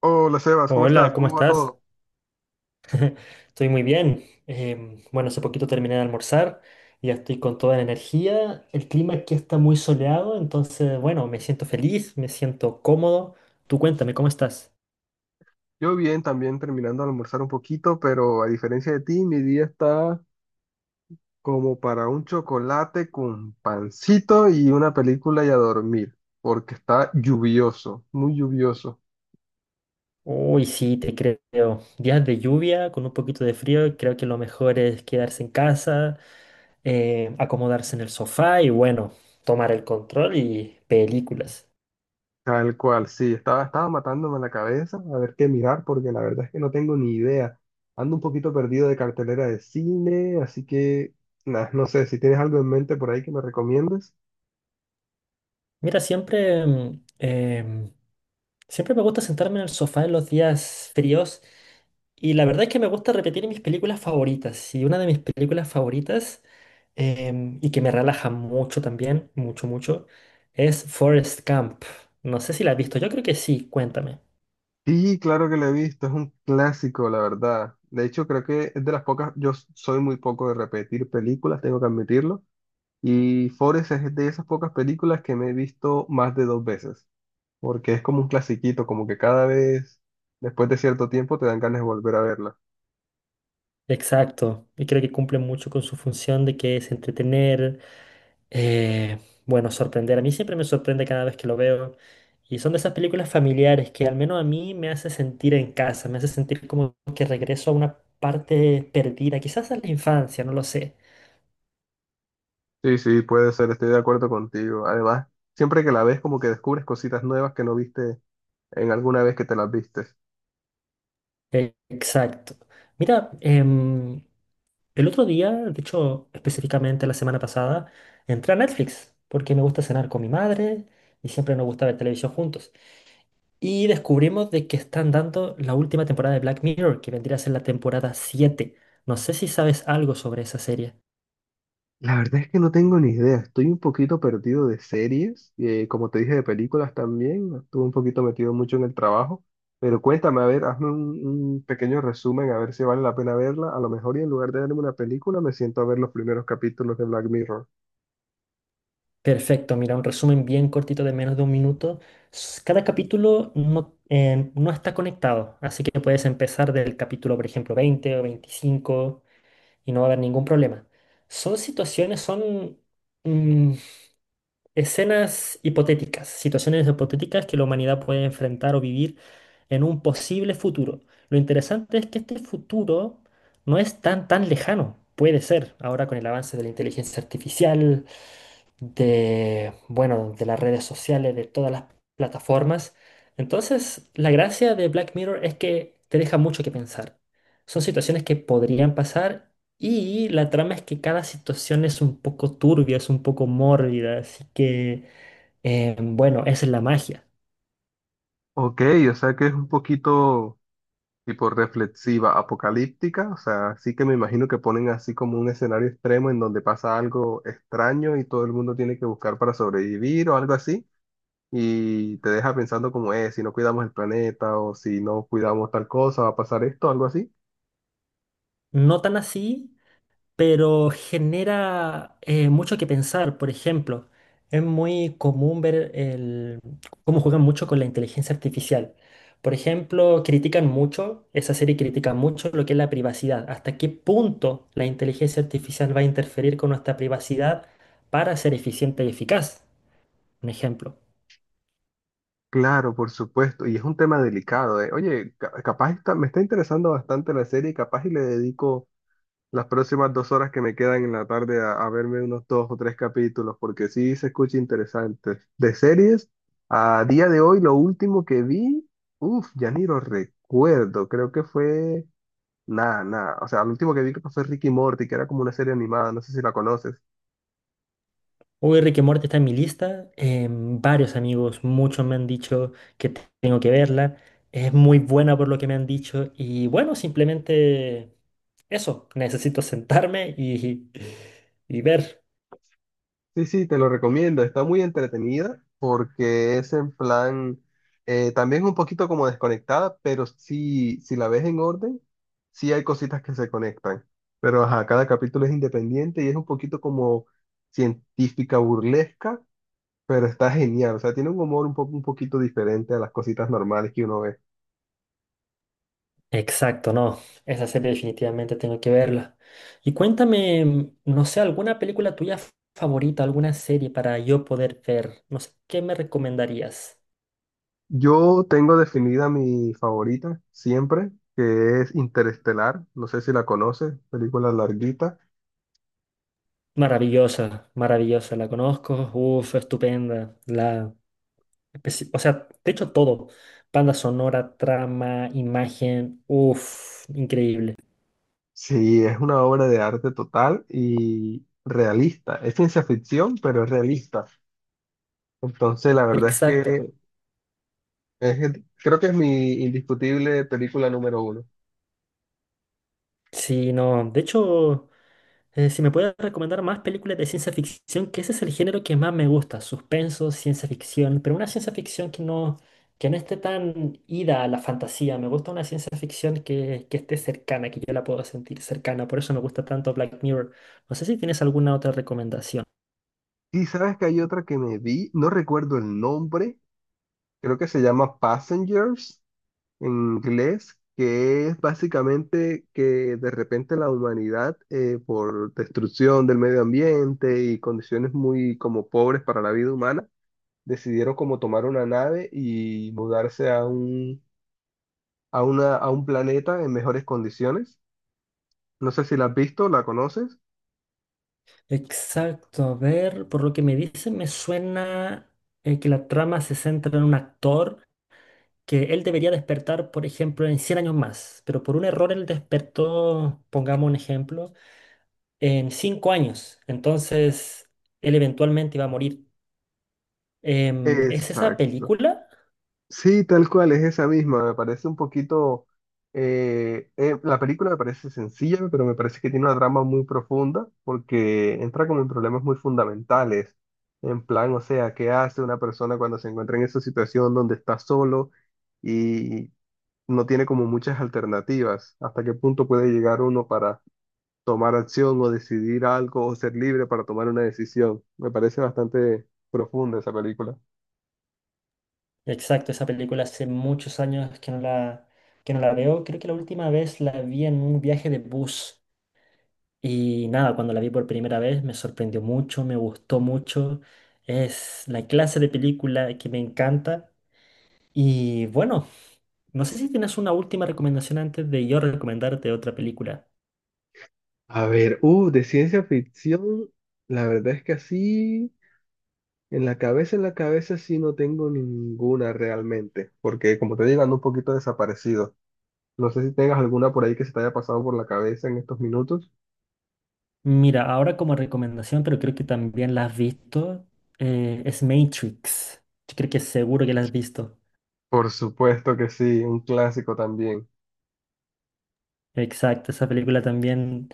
Hola, Sebas, ¿cómo estás? Hola, ¿cómo ¿Cómo va estás? todo? Estoy muy bien. Bueno, hace poquito terminé de almorzar y ya estoy con toda la energía. El clima aquí está muy soleado, entonces, bueno, me siento feliz, me siento cómodo. Tú cuéntame, ¿cómo estás? Yo bien, también terminando de almorzar un poquito, pero a diferencia de ti, mi día está como para un chocolate con pancito y una película y a dormir, porque está lluvioso, muy lluvioso. Uy, sí, te creo. Días de lluvia con un poquito de frío, creo que lo mejor es quedarse en casa, acomodarse en el sofá y, bueno, tomar el control y películas. Tal cual, sí, estaba matándome la cabeza a ver qué mirar, porque la verdad es que no tengo ni idea. Ando un poquito perdido de cartelera de cine, así que nah, no sé si tienes algo en mente por ahí que me recomiendes. Mira, Siempre me gusta sentarme en el sofá en los días fríos y la verdad es que me gusta repetir mis películas favoritas. Y una de mis películas favoritas, y que me relaja mucho también, mucho, mucho, es Forrest Gump. No sé si la has visto, yo creo que sí, cuéntame. Sí, claro que la he visto, es un clásico, la verdad. De hecho, creo que es de las pocas, soy muy poco de repetir películas, tengo que admitirlo. Y Forest es de esas pocas películas que me he visto más de dos veces, porque es como un clasiquito, como que cada vez, después de cierto tiempo, te dan ganas de volver a verla. Exacto, y creo que cumple mucho con su función de que es entretener, Eh, bueno, sorprender. A mí siempre me sorprende cada vez que lo veo. Y son de esas películas familiares que al menos a mí me hace sentir en casa, me hace sentir como que regreso a una parte perdida, quizás a la infancia, no lo sé. Sí, sí, puede ser, estoy de acuerdo contigo. Además, siempre que la ves, como que descubres cositas nuevas que no viste en alguna vez que te las viste. Exacto. Mira, em, el otro día, de hecho, específicamente la semana pasada, entré a Netflix porque me gusta cenar con mi madre y siempre nos gusta ver televisión juntos. Y descubrimos de que están dando la última temporada de Black Mirror, que vendría a ser la temporada 7. No sé si sabes algo sobre esa serie. La verdad es que no tengo ni idea. Estoy un poquito perdido de series, como te dije, de películas también. Estuve un poquito metido mucho en el trabajo. Pero cuéntame, a ver, hazme un pequeño resumen, a ver si vale la pena verla. A lo mejor y en lugar de verme una película, me siento a ver los primeros capítulos de Black Mirror. Perfecto, mira, un resumen bien cortito de menos de un minuto. Cada capítulo no, no está conectado, así que puedes empezar del capítulo, por ejemplo, 20 o 25 y no va a haber ningún problema. Son situaciones, son mm, escenas hipotéticas, situaciones hipotéticas que la humanidad puede enfrentar o vivir en un posible futuro. Lo interesante es que este futuro no es tan tan lejano. Puede ser, ahora con el avance de la inteligencia artificial, de, bueno, de las redes sociales, de todas las plataformas. Entonces, la gracia de Black Mirror es que te deja mucho que pensar. Son situaciones que podrían pasar y la trama es que cada situación es un poco turbia, es un poco mórbida, así que bueno, esa es la magia. Ok, o sea que es un poquito tipo reflexiva, apocalíptica. O sea, sí que me imagino que ponen así como un escenario extremo en donde pasa algo extraño y todo el mundo tiene que buscar para sobrevivir o algo así, y te deja pensando como es, si no cuidamos el planeta o si no cuidamos tal cosa, va a pasar esto, algo así. No tan así, pero genera mucho que pensar. Por ejemplo, es muy común ver cómo juegan mucho con la inteligencia artificial. Por ejemplo, critican mucho, esa serie critica mucho lo que es la privacidad. ¿Hasta qué punto la inteligencia artificial va a interferir con nuestra privacidad para ser eficiente y eficaz? Un ejemplo. Claro, por supuesto, y es un tema delicado, eh. Oye, me está interesando bastante la serie, capaz y le dedico las próximas 2 horas que me quedan en la tarde a verme unos dos o tres capítulos, porque sí se escucha interesante. De series, a día de hoy lo último que vi, uff, ya ni lo recuerdo, creo que fue... Nada, nada. O sea, lo último que vi creo que fue Ricky Morty, que era como una serie animada, no sé si la conoces. Uy, Rick and Morty está en mi lista. Varios amigos, muchos me han dicho que tengo que verla. Es muy buena por lo que me han dicho. Y bueno, simplemente eso. Necesito sentarme y, y ver. Sí, sí, te lo recomiendo. Está muy entretenida porque es en plan, también un poquito como desconectada, pero sí, si la ves en orden, sí hay cositas que se conectan. Pero ajá, cada capítulo es independiente y es un poquito como científica burlesca, pero está genial. O sea, tiene un humor un poco, un poquito diferente a las cositas normales que uno ve. Exacto, no. Esa serie definitivamente tengo que verla. Y cuéntame, no sé, alguna película tuya favorita, alguna serie para yo poder ver. No sé, ¿qué me recomendarías? Yo tengo definida mi favorita siempre, que es Interestelar. No sé si la conoces, película larguita. Maravillosa, maravillosa, la conozco. Uf, estupenda. O sea, de hecho todo. Banda sonora, trama, imagen. Uff, increíble. Sí, es una obra de arte total y realista. Es ciencia ficción, pero es realista. Entonces, la verdad es Exacto. que creo que es mi indiscutible película número uno. Sí, no. De hecho, si me puedes recomendar más películas de ciencia ficción, que ese es el género que más me gusta. Suspenso, ciencia ficción. Pero una ciencia ficción que no, esté tan ida a la fantasía. Me gusta una ciencia ficción que esté cercana, que yo la pueda sentir cercana. Por eso me gusta tanto Black Mirror. No sé si tienes alguna otra recomendación. Y sabes que hay otra que me vi, no recuerdo el nombre, creo que se llama Passengers en inglés, que es básicamente que de repente la humanidad, por destrucción del medio ambiente y condiciones muy como pobres para la vida humana, decidieron como tomar una nave y mudarse a un planeta en mejores condiciones. No sé si la has visto, ¿la conoces? Exacto, a ver, por lo que me dicen me suena que la trama se centra en un actor que él debería despertar, por ejemplo, en 100 años más, pero por un error él despertó, pongamos un ejemplo, en 5 años, entonces él eventualmente iba a morir. ¿Es esa Exacto. película? Sí, tal cual, es esa misma. Me parece un poquito... la película me parece sencilla, pero me parece que tiene una trama muy profunda porque entra como en problemas muy fundamentales. En plan, o sea, ¿qué hace una persona cuando se encuentra en esa situación donde está solo? No tiene como muchas alternativas. ¿Hasta qué punto puede llegar uno para tomar acción o decidir algo o ser libre para tomar una decisión? Me parece bastante profunda esa película. Exacto, esa película hace muchos años que no que no la veo, creo que la última vez la vi en un viaje de bus. Y nada, cuando la vi por primera vez me sorprendió mucho, me gustó mucho. Es la clase de película que me encanta. Y bueno, no sé si tienes una última recomendación antes de yo recomendarte otra película. A ver, de ciencia ficción, la verdad es que así, en la cabeza sí no tengo ninguna realmente, porque como te digo, ando un poquito desaparecido. No sé si tengas alguna por ahí que se te haya pasado por la cabeza en estos minutos. Mira, ahora como recomendación, pero creo que también la has visto, es Matrix. Yo creo que seguro que la has visto. Por supuesto que sí, un clásico también. Exacto, esa película también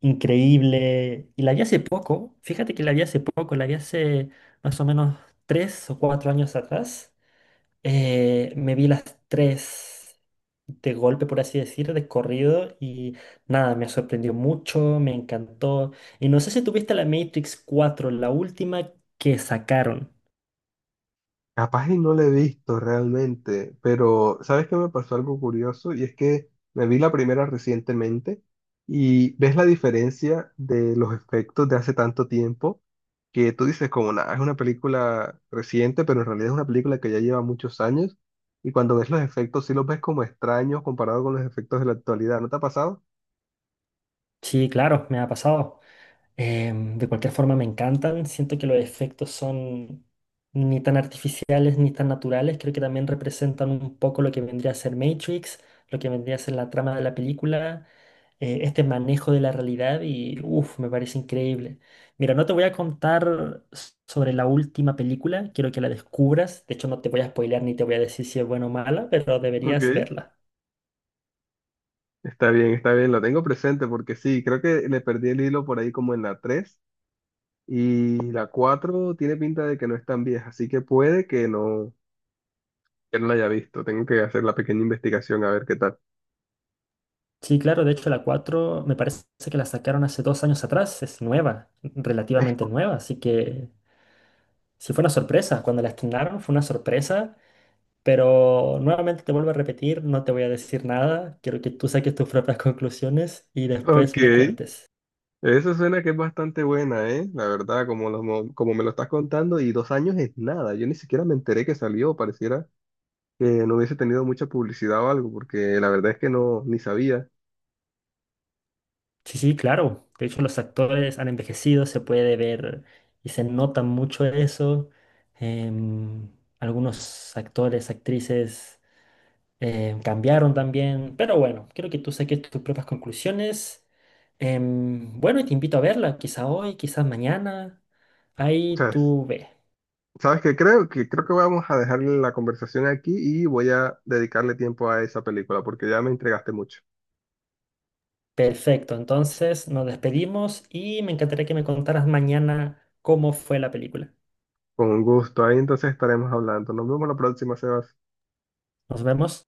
increíble. Y la vi hace poco, fíjate que la vi hace poco, la vi hace más o menos 3 o 4 años atrás. Me vi las tres de golpe, por así decir, de corrido y nada, me sorprendió mucho, me encantó. Y no sé si tuviste la Matrix 4 la última que sacaron. Capaz y no la he visto realmente, pero ¿sabes qué me pasó algo curioso? Y es que me vi la primera recientemente y ves la diferencia de los efectos de hace tanto tiempo que tú dices como nada, es una película reciente, pero en realidad es una película que ya lleva muchos años y cuando ves los efectos sí los ves como extraños comparado con los efectos de la actualidad. ¿No te ha pasado? Sí, claro, me ha pasado. De cualquier forma me encantan, siento que los efectos son ni tan artificiales ni tan naturales, creo que también representan un poco lo que vendría a ser Matrix, lo que vendría a ser la trama de la película, este manejo de la realidad y uff, me parece increíble. Mira, no te voy a contar sobre la última película, quiero que la descubras, de hecho no te voy a spoilear ni te voy a decir si es buena o mala, pero Ok, deberías verla. Está bien, lo tengo presente porque sí, creo que le perdí el hilo por ahí como en la 3. Y la 4 tiene pinta de que no es tan vieja, así que puede que no la haya visto. Tengo que hacer la pequeña investigación a ver qué tal. Sí, claro, de hecho la 4 me parece que la sacaron hace 2 años atrás, es nueva, Es relativamente nueva, así que sí fue una sorpresa, cuando la estrenaron fue una sorpresa, pero nuevamente te vuelvo a repetir, no te voy a decir nada, quiero que tú saques tus propias conclusiones y ok, después me cuentes. eso suena que es bastante buena, ¿eh? La verdad, como, como me lo estás contando, y 2 años es nada. Yo ni siquiera me enteré que salió, pareciera que no hubiese tenido mucha publicidad o algo, porque la verdad es que no, ni sabía. Sí, sí, claro, de hecho los actores han envejecido, se puede ver y se nota mucho eso, em, algunos actores, actrices cambiaron también, pero bueno, creo que tú saques tus propias conclusiones. Bueno, y te invito a verla, quizá hoy, quizás mañana. O Ahí sea, tú ve. ¿sabes qué creo? Que creo que vamos a dejar la conversación aquí y voy a dedicarle tiempo a esa película, porque ya me entregaste mucho. Perfecto, entonces nos despedimos y me encantaría que me contaras mañana cómo fue la película. Con gusto. Ahí entonces estaremos hablando. Nos vemos la próxima, Sebas. Nos vemos.